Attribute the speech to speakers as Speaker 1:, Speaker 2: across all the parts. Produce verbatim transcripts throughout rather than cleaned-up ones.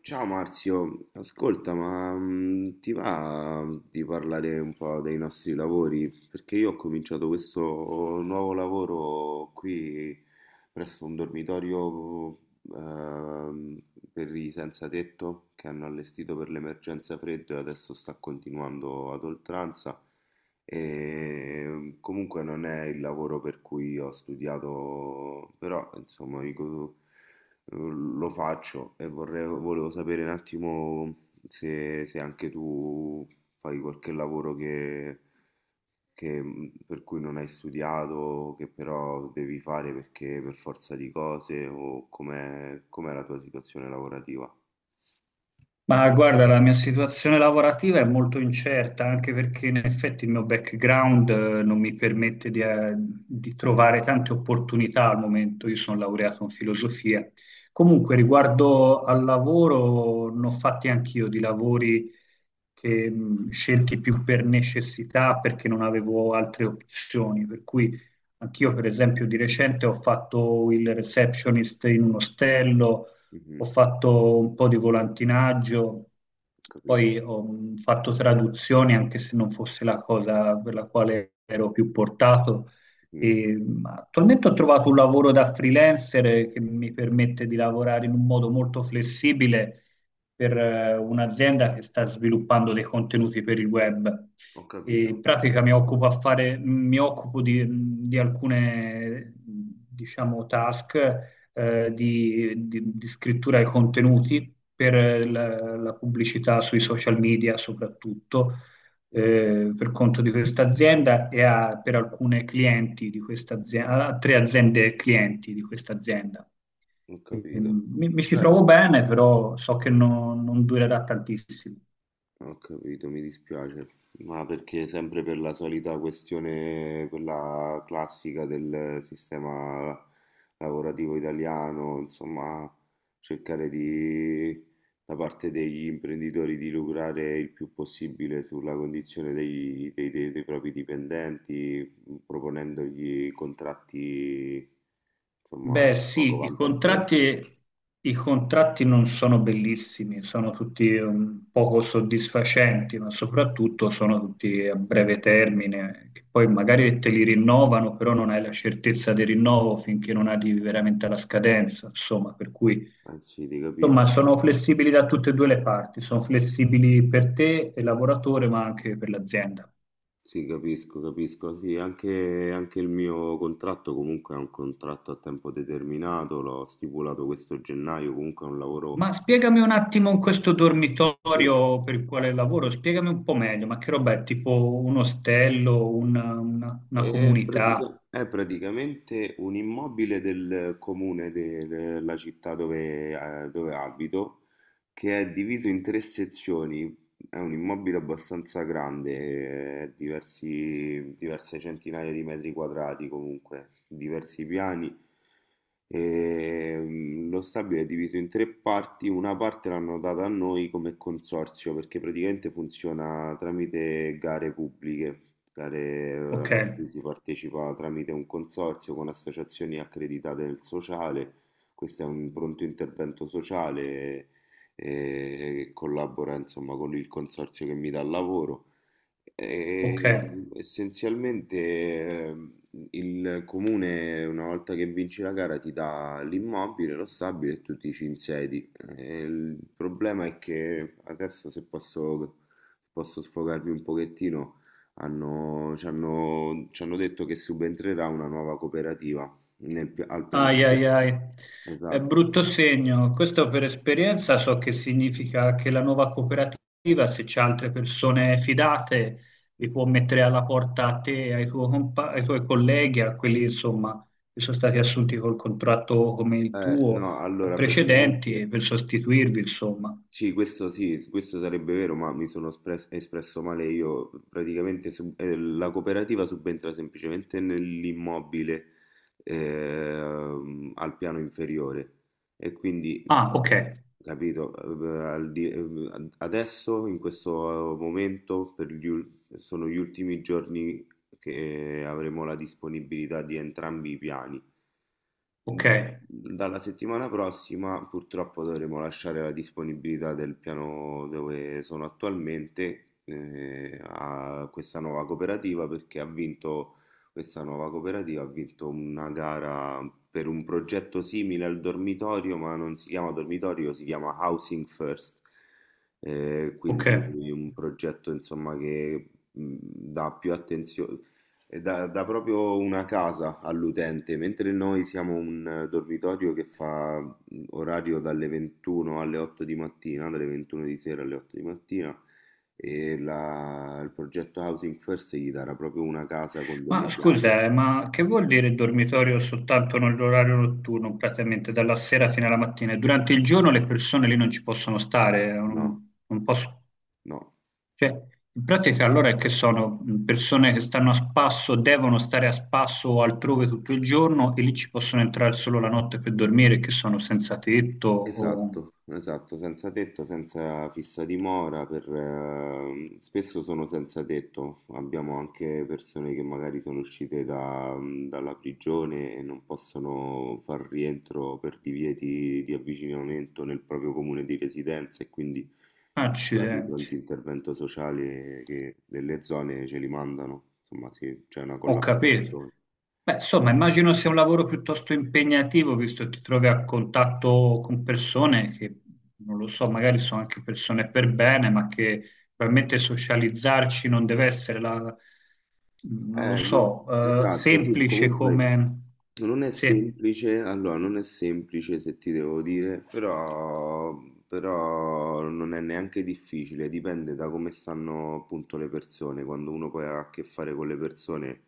Speaker 1: Ciao Marzio, ascolta, ma mm, ti va di parlare un po' dei nostri lavori? Perché io ho cominciato questo nuovo lavoro qui presso un dormitorio ehm, per i senza tetto che hanno allestito per l'emergenza freddo e adesso sta continuando ad oltranza. E comunque non è il lavoro per cui ho studiato, però insomma, dico lo faccio e vorrei, volevo sapere un attimo se, se anche tu fai qualche lavoro che, che, mh, per cui non hai studiato, che però devi fare perché per forza di cose, o com'è, com'è la tua situazione lavorativa?
Speaker 2: Ma guarda, la mia situazione lavorativa è molto incerta, anche perché in effetti il mio background eh, non mi permette di, eh, di trovare tante opportunità al momento. Io sono laureato in filosofia. Comunque,
Speaker 1: Ah,
Speaker 2: riguardo al lavoro, ne ho fatti anch'io di lavori che mh, scelti più per necessità, perché non avevo altre opzioni. Per cui anch'io, per esempio, di recente ho fatto il receptionist in un ostello,
Speaker 1: mhm,
Speaker 2: ho fatto un po' di volantinaggio,
Speaker 1: ho capito.
Speaker 2: poi ho mh, fatto traduzioni, anche se non fosse la cosa per la quale ero più portato.
Speaker 1: Mm,
Speaker 2: E, mh, attualmente ho trovato un lavoro da freelancer eh, che mi permette di lavorare in un modo molto flessibile per eh, un'azienda che sta sviluppando dei contenuti per il web.
Speaker 1: ho
Speaker 2: E in
Speaker 1: capito.
Speaker 2: pratica mi occupo, a fare, mi occupo di, mm, di alcune, mm, diciamo, task eh, di, di- di scrittura ai contenuti per eh, la, la pubblicità sui social media soprattutto
Speaker 1: Ok,
Speaker 2: eh, per conto di questa azienda e a- per alcune clienti di questa azienda, a tre aziende clienti di questa azienda.
Speaker 1: ho
Speaker 2: E,
Speaker 1: capito.
Speaker 2: mm, Mi, mi ci
Speaker 1: Bello.
Speaker 2: trovo bene, però so che non non durerà tantissimo.
Speaker 1: Ho capito, mi dispiace, ma perché sempre per la solita questione, quella classica del sistema lavorativo italiano, insomma, cercare di, da parte degli imprenditori di lucrare il più possibile sulla condizione dei, dei- dei- dei propri dipendenti, proponendogli contratti, insomma,
Speaker 2: Beh,
Speaker 1: poco
Speaker 2: sì, i
Speaker 1: vantaggiosi.
Speaker 2: contratti, i contratti non sono bellissimi, sono tutti un poco soddisfacenti, ma soprattutto sono tutti a breve termine, che poi magari te li rinnovano, però non hai la certezza del rinnovo finché non arrivi veramente alla scadenza, insomma, per cui
Speaker 1: Anzi, ti
Speaker 2: insomma
Speaker 1: capisco.
Speaker 2: sono flessibili da tutte e due le parti, sono flessibili per te e lavoratore, ma anche per l'azienda.
Speaker 1: Sì, capisco, capisco. Sì, anche, anche il mio contratto comunque è un contratto a tempo determinato, l'ho stipulato questo gennaio, comunque è un lavoro...
Speaker 2: Ma spiegami un attimo in questo
Speaker 1: Sì.
Speaker 2: dormitorio per il quale lavoro, spiegami un po' meglio, ma che roba è? Tipo un ostello, una, una- una
Speaker 1: È, pratica-
Speaker 2: comunità?
Speaker 1: è praticamente un immobile del comune de- della città dove, eh, dove abito che è diviso in tre sezioni. È un immobile abbastanza grande, eh, diversi, diverse centinaia di metri quadrati comunque, diversi piani. E, mm, lo stabile è diviso in tre parti, una parte l'hanno data a noi come consorzio perché praticamente funziona tramite gare pubbliche, gare
Speaker 2: Ok,
Speaker 1: eh, a cui si partecipa tramite un consorzio con associazioni accreditate del sociale. Questo è un pronto intervento sociale e collabora insomma con il consorzio che mi dà il lavoro.
Speaker 2: ok.
Speaker 1: E, essenzialmente ehm, il comune, una volta che vinci la gara, ti dà l'immobile, lo stabile e tu ti ci insedi. E il problema è che adesso, se posso, se posso, sfogarvi un pochettino, hanno, ci hanno, ci hanno detto che subentrerà una nuova cooperativa nel pi- al piano
Speaker 2: Ai
Speaker 1: di...
Speaker 2: ai ai, è
Speaker 1: Esatto.
Speaker 2: brutto segno. Questo per esperienza so che significa che la nuova cooperativa, se c'è altre persone fidate, li può mettere alla porta a te, ai tuo compa- ai tuoi colleghi, a quelli insomma che sono stati assunti col contratto come il
Speaker 1: Eh,
Speaker 2: tuo,
Speaker 1: no, allora praticamente.
Speaker 2: precedenti, per sostituirvi, insomma.
Speaker 1: Sì, questo sì, questo sarebbe vero, ma mi sono espres- espresso male io. Praticamente sub- eh, la cooperativa subentra semplicemente nell'immobile ehm, al piano inferiore e quindi,
Speaker 2: Ah, ok,
Speaker 1: capito, eh, al di- eh, ad- adesso, in questo momento, per gli ul- sono gli ultimi giorni che avremo la disponibilità di entrambi i piani.
Speaker 2: ok,
Speaker 1: Mhmm. Dalla settimana prossima purtroppo dovremo lasciare la disponibilità del piano dove sono attualmente eh, a questa nuova cooperativa perché ha vinto questa nuova cooperativa ha vinto una gara per un progetto simile al dormitorio, ma non si chiama dormitorio, si chiama Housing First. Eh, quindi
Speaker 2: ok.
Speaker 1: un progetto insomma che mh, dà più attenzione e dà, dà proprio una casa all'utente, mentre noi siamo un eh, dormitorio che fa mm, orario dalle ventuno alle otto di mattina, dalle ventuno di sera alle otto di mattina, e la- il progetto Housing First gli darà proprio una casa con
Speaker 2: Ma
Speaker 1: delle chiavi.
Speaker 2: scusa, eh, ma che vuol dire dormitorio soltanto nell'orario notturno, praticamente dalla sera fino alla mattina? Durante il giorno le persone lì non ci possono stare, eh,
Speaker 1: No,
Speaker 2: non, non posso-
Speaker 1: no.
Speaker 2: cioè, in pratica allora è che sono mh, persone che stanno a spasso, devono stare a spasso o altrove tutto il giorno e lì ci possono entrare solo la notte per dormire, che sono senza tetto o
Speaker 1: Esatto, esatto, senza tetto, senza fissa dimora, per, ehm, spesso sono senza tetto, abbiamo anche persone che magari sono uscite da- mhmm, dalla prigione e non possono far rientro per divieti di avvicinamento nel proprio comune di residenza e quindi i vari
Speaker 2: accidenti.
Speaker 1: pronti intervento sociale che delle zone ce li mandano, insomma sì, c'è una
Speaker 2: Ho capito.
Speaker 1: collaborazione.
Speaker 2: Beh, insomma, immagino sia un lavoro piuttosto impegnativo, visto che ti trovi a contatto con persone che, non lo so, magari sono anche persone per bene, ma che probabilmente socializzarci non deve essere la, non lo
Speaker 1: Eh, lì-
Speaker 2: so, eh,
Speaker 1: esatto, sì,
Speaker 2: semplice
Speaker 1: comunque
Speaker 2: come...
Speaker 1: non è
Speaker 2: Sì.
Speaker 1: semplice, allora non è semplice se ti devo dire, però, però non è neanche difficile, dipende da come stanno appunto le persone, quando uno poi ha a che fare con le persone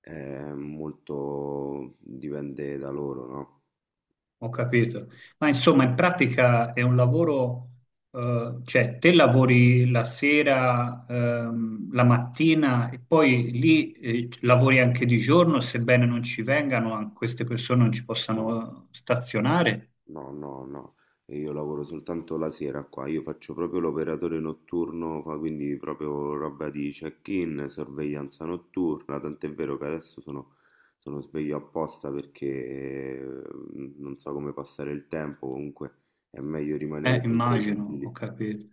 Speaker 1: è molto dipende da loro, no?
Speaker 2: Ho capito. Ma insomma, in pratica è un lavoro, eh, cioè te lavori la sera, ehm, la mattina e poi lì, eh, lavori anche di giorno, sebbene non ci vengano, an- queste persone non ci
Speaker 1: No.
Speaker 2: possano stazionare.
Speaker 1: No, no, no, e io lavoro soltanto la sera qua, io faccio proprio l'operatore notturno, fa- quindi proprio roba di check-in, sorveglianza notturna, tant'è vero che adesso sono, sono sveglio apposta perché eh, non so come passare il tempo, comunque è meglio rimanere
Speaker 2: Eh,
Speaker 1: sempre
Speaker 2: immagino, ho
Speaker 1: vigili.
Speaker 2: capito.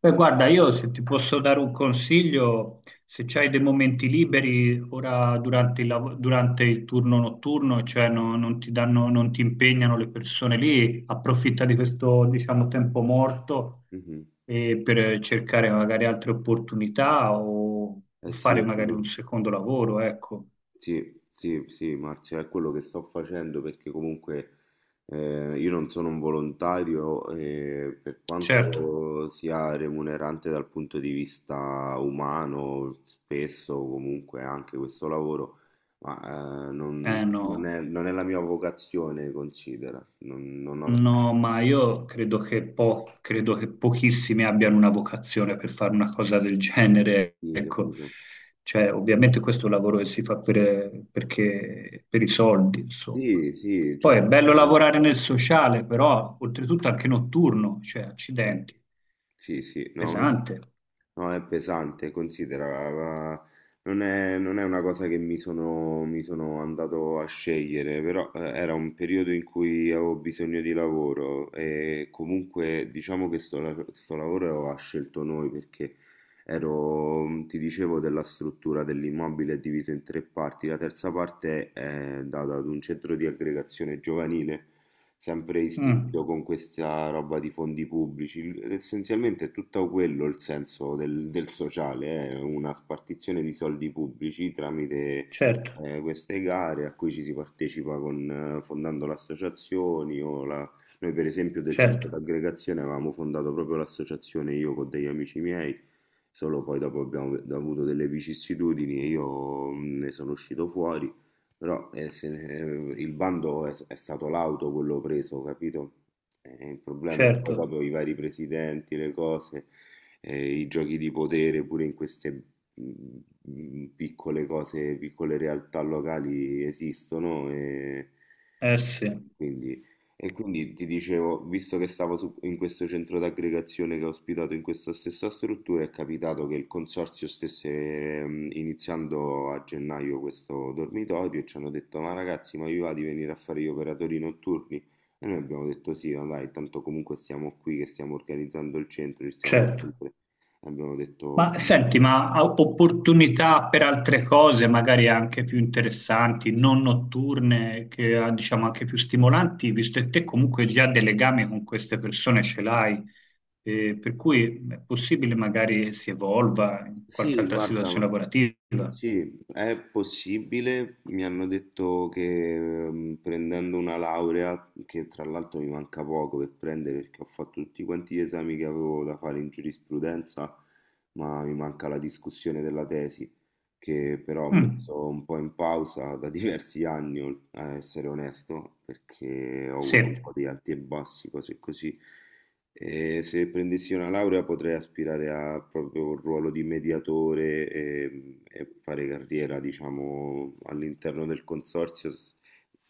Speaker 2: Beh, guarda, io se ti posso dare un consiglio, se c'hai dei momenti liberi ora durante il, lav- durante il turno notturno, cioè no- non ti danno, non ti impegnano le persone lì, approfitta di questo, diciamo, tempo morto
Speaker 1: Mhm.
Speaker 2: eh, per cercare magari altre opportunità o, o
Speaker 1: Eh sì,
Speaker 2: fare
Speaker 1: è
Speaker 2: magari un
Speaker 1: quello.
Speaker 2: secondo lavoro, ecco.
Speaker 1: Sì, sì, sì, Marzio, è quello che sto facendo perché comunque eh, io non sono un volontario e per
Speaker 2: Certo,
Speaker 1: quanto sia remunerante dal punto di vista umano, spesso comunque anche questo lavoro, ma eh, non,
Speaker 2: eh
Speaker 1: non
Speaker 2: no.
Speaker 1: è, non è la mia vocazione, considera. Non, non ho
Speaker 2: No, ma io credo che, po- credo che pochissimi abbiano una vocazione per fare una cosa del genere,
Speaker 1: sì,
Speaker 2: ecco.
Speaker 1: capito.
Speaker 2: Cioè, ovviamente questo è un lavoro che si fa per, perché- per i soldi, insomma.
Speaker 1: Sì, sì,
Speaker 2: Poi
Speaker 1: cioè,
Speaker 2: è
Speaker 1: per
Speaker 2: bello
Speaker 1: me-
Speaker 2: lavorare nel sociale, però oltretutto anche notturno, cioè, accidenti,
Speaker 1: sì, sì, sì, no,
Speaker 2: pesante.
Speaker 1: no, è pesante, considera, la- non è, non è una cosa che mi sono, mi sono andato a scegliere, però eh, era un periodo in cui avevo bisogno di lavoro e comunque diciamo che sto, la- sto lavoro l'aveva scelto noi perché ero, mm, ti dicevo, della struttura dell'immobile diviso in tre parti, la terza parte è eh, data ad un centro di aggregazione giovanile sempre
Speaker 2: Mm,
Speaker 1: istituito con questa roba di fondi pubblici. Il- Essenzialmente è tutto quello il senso del, del sociale, è una spartizione di soldi pubblici tramite
Speaker 2: certo,
Speaker 1: eh, queste gare a cui ci si partecipa con, eh, fondando le associazioni o la... Noi per esempio del centro
Speaker 2: certo,
Speaker 1: d'aggregazione avevamo fondato proprio l'associazione io con degli amici miei, solo poi dopo abbiamo avuto delle vicissitudini e io mh, ne sono uscito fuori però eh, se ne- eh, il bando è, è stato l'auto quello preso, capito? E il problema è che poi
Speaker 2: certo,
Speaker 1: dopo i vari presidenti, le cose, eh, i giochi di potere, pure in queste mm, mm, piccole cose, piccole realtà locali esistono. E...
Speaker 2: eh sì,
Speaker 1: Quindi, e quindi ti dicevo, visto che stavo su- in questo centro d'aggregazione che ho ospitato in questa stessa struttura, è capitato che il consorzio stesse ehm, iniziando a gennaio questo dormitorio e ci hanno detto: Ma ragazzi, ma vi va di venire a fare gli operatori notturni? E noi abbiamo detto: Sì, ma dai, tanto comunque stiamo qui che stiamo organizzando il centro, ci stiamo
Speaker 2: certo.
Speaker 1: sempre. E abbiamo detto:
Speaker 2: Ma senti, ma ha opportunità per altre cose, magari anche più interessanti, non notturne, che ah, diciamo anche più stimolanti, visto che te comunque già dei legami con queste persone ce l'hai, eh, per cui è possibile magari che si evolva in qualche
Speaker 1: Sì,
Speaker 2: altra situazione
Speaker 1: guarda.
Speaker 2: lavorativa.
Speaker 1: Sì, è possibile. Mi hanno detto che ehm, prendendo una laurea, che tra l'altro mi manca poco per prendere perché ho fatto tutti quanti gli esami che avevo da fare in giurisprudenza, ma mi manca la discussione della tesi, che però ho
Speaker 2: Mm,
Speaker 1: messo un po' in pausa da diversi anni, ol- a essere onesto, perché ho
Speaker 2: sì,
Speaker 1: avuto un po' di alti e bassi, cose così. E se prendessi una laurea potrei aspirare a proprio un ruolo di mediatore e, e fare carriera, diciamo, all'interno del consorzio, s-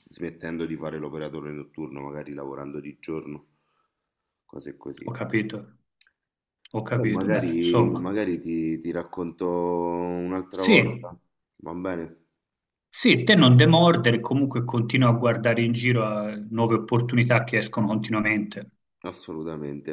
Speaker 1: smettendo di fare l'operatore notturno, magari lavorando di giorno, cose
Speaker 2: ho
Speaker 1: così.
Speaker 2: capito, ho
Speaker 1: Poi perfetto,
Speaker 2: capito. Beh,
Speaker 1: magari,
Speaker 2: insomma,
Speaker 1: magari ti, ti racconto un'altra
Speaker 2: sì,
Speaker 1: volta, va bene?
Speaker 2: sì, te non demordere, comunque continua a guardare in giro a nuove opportunità che escono continuamente.
Speaker 1: Assolutamente.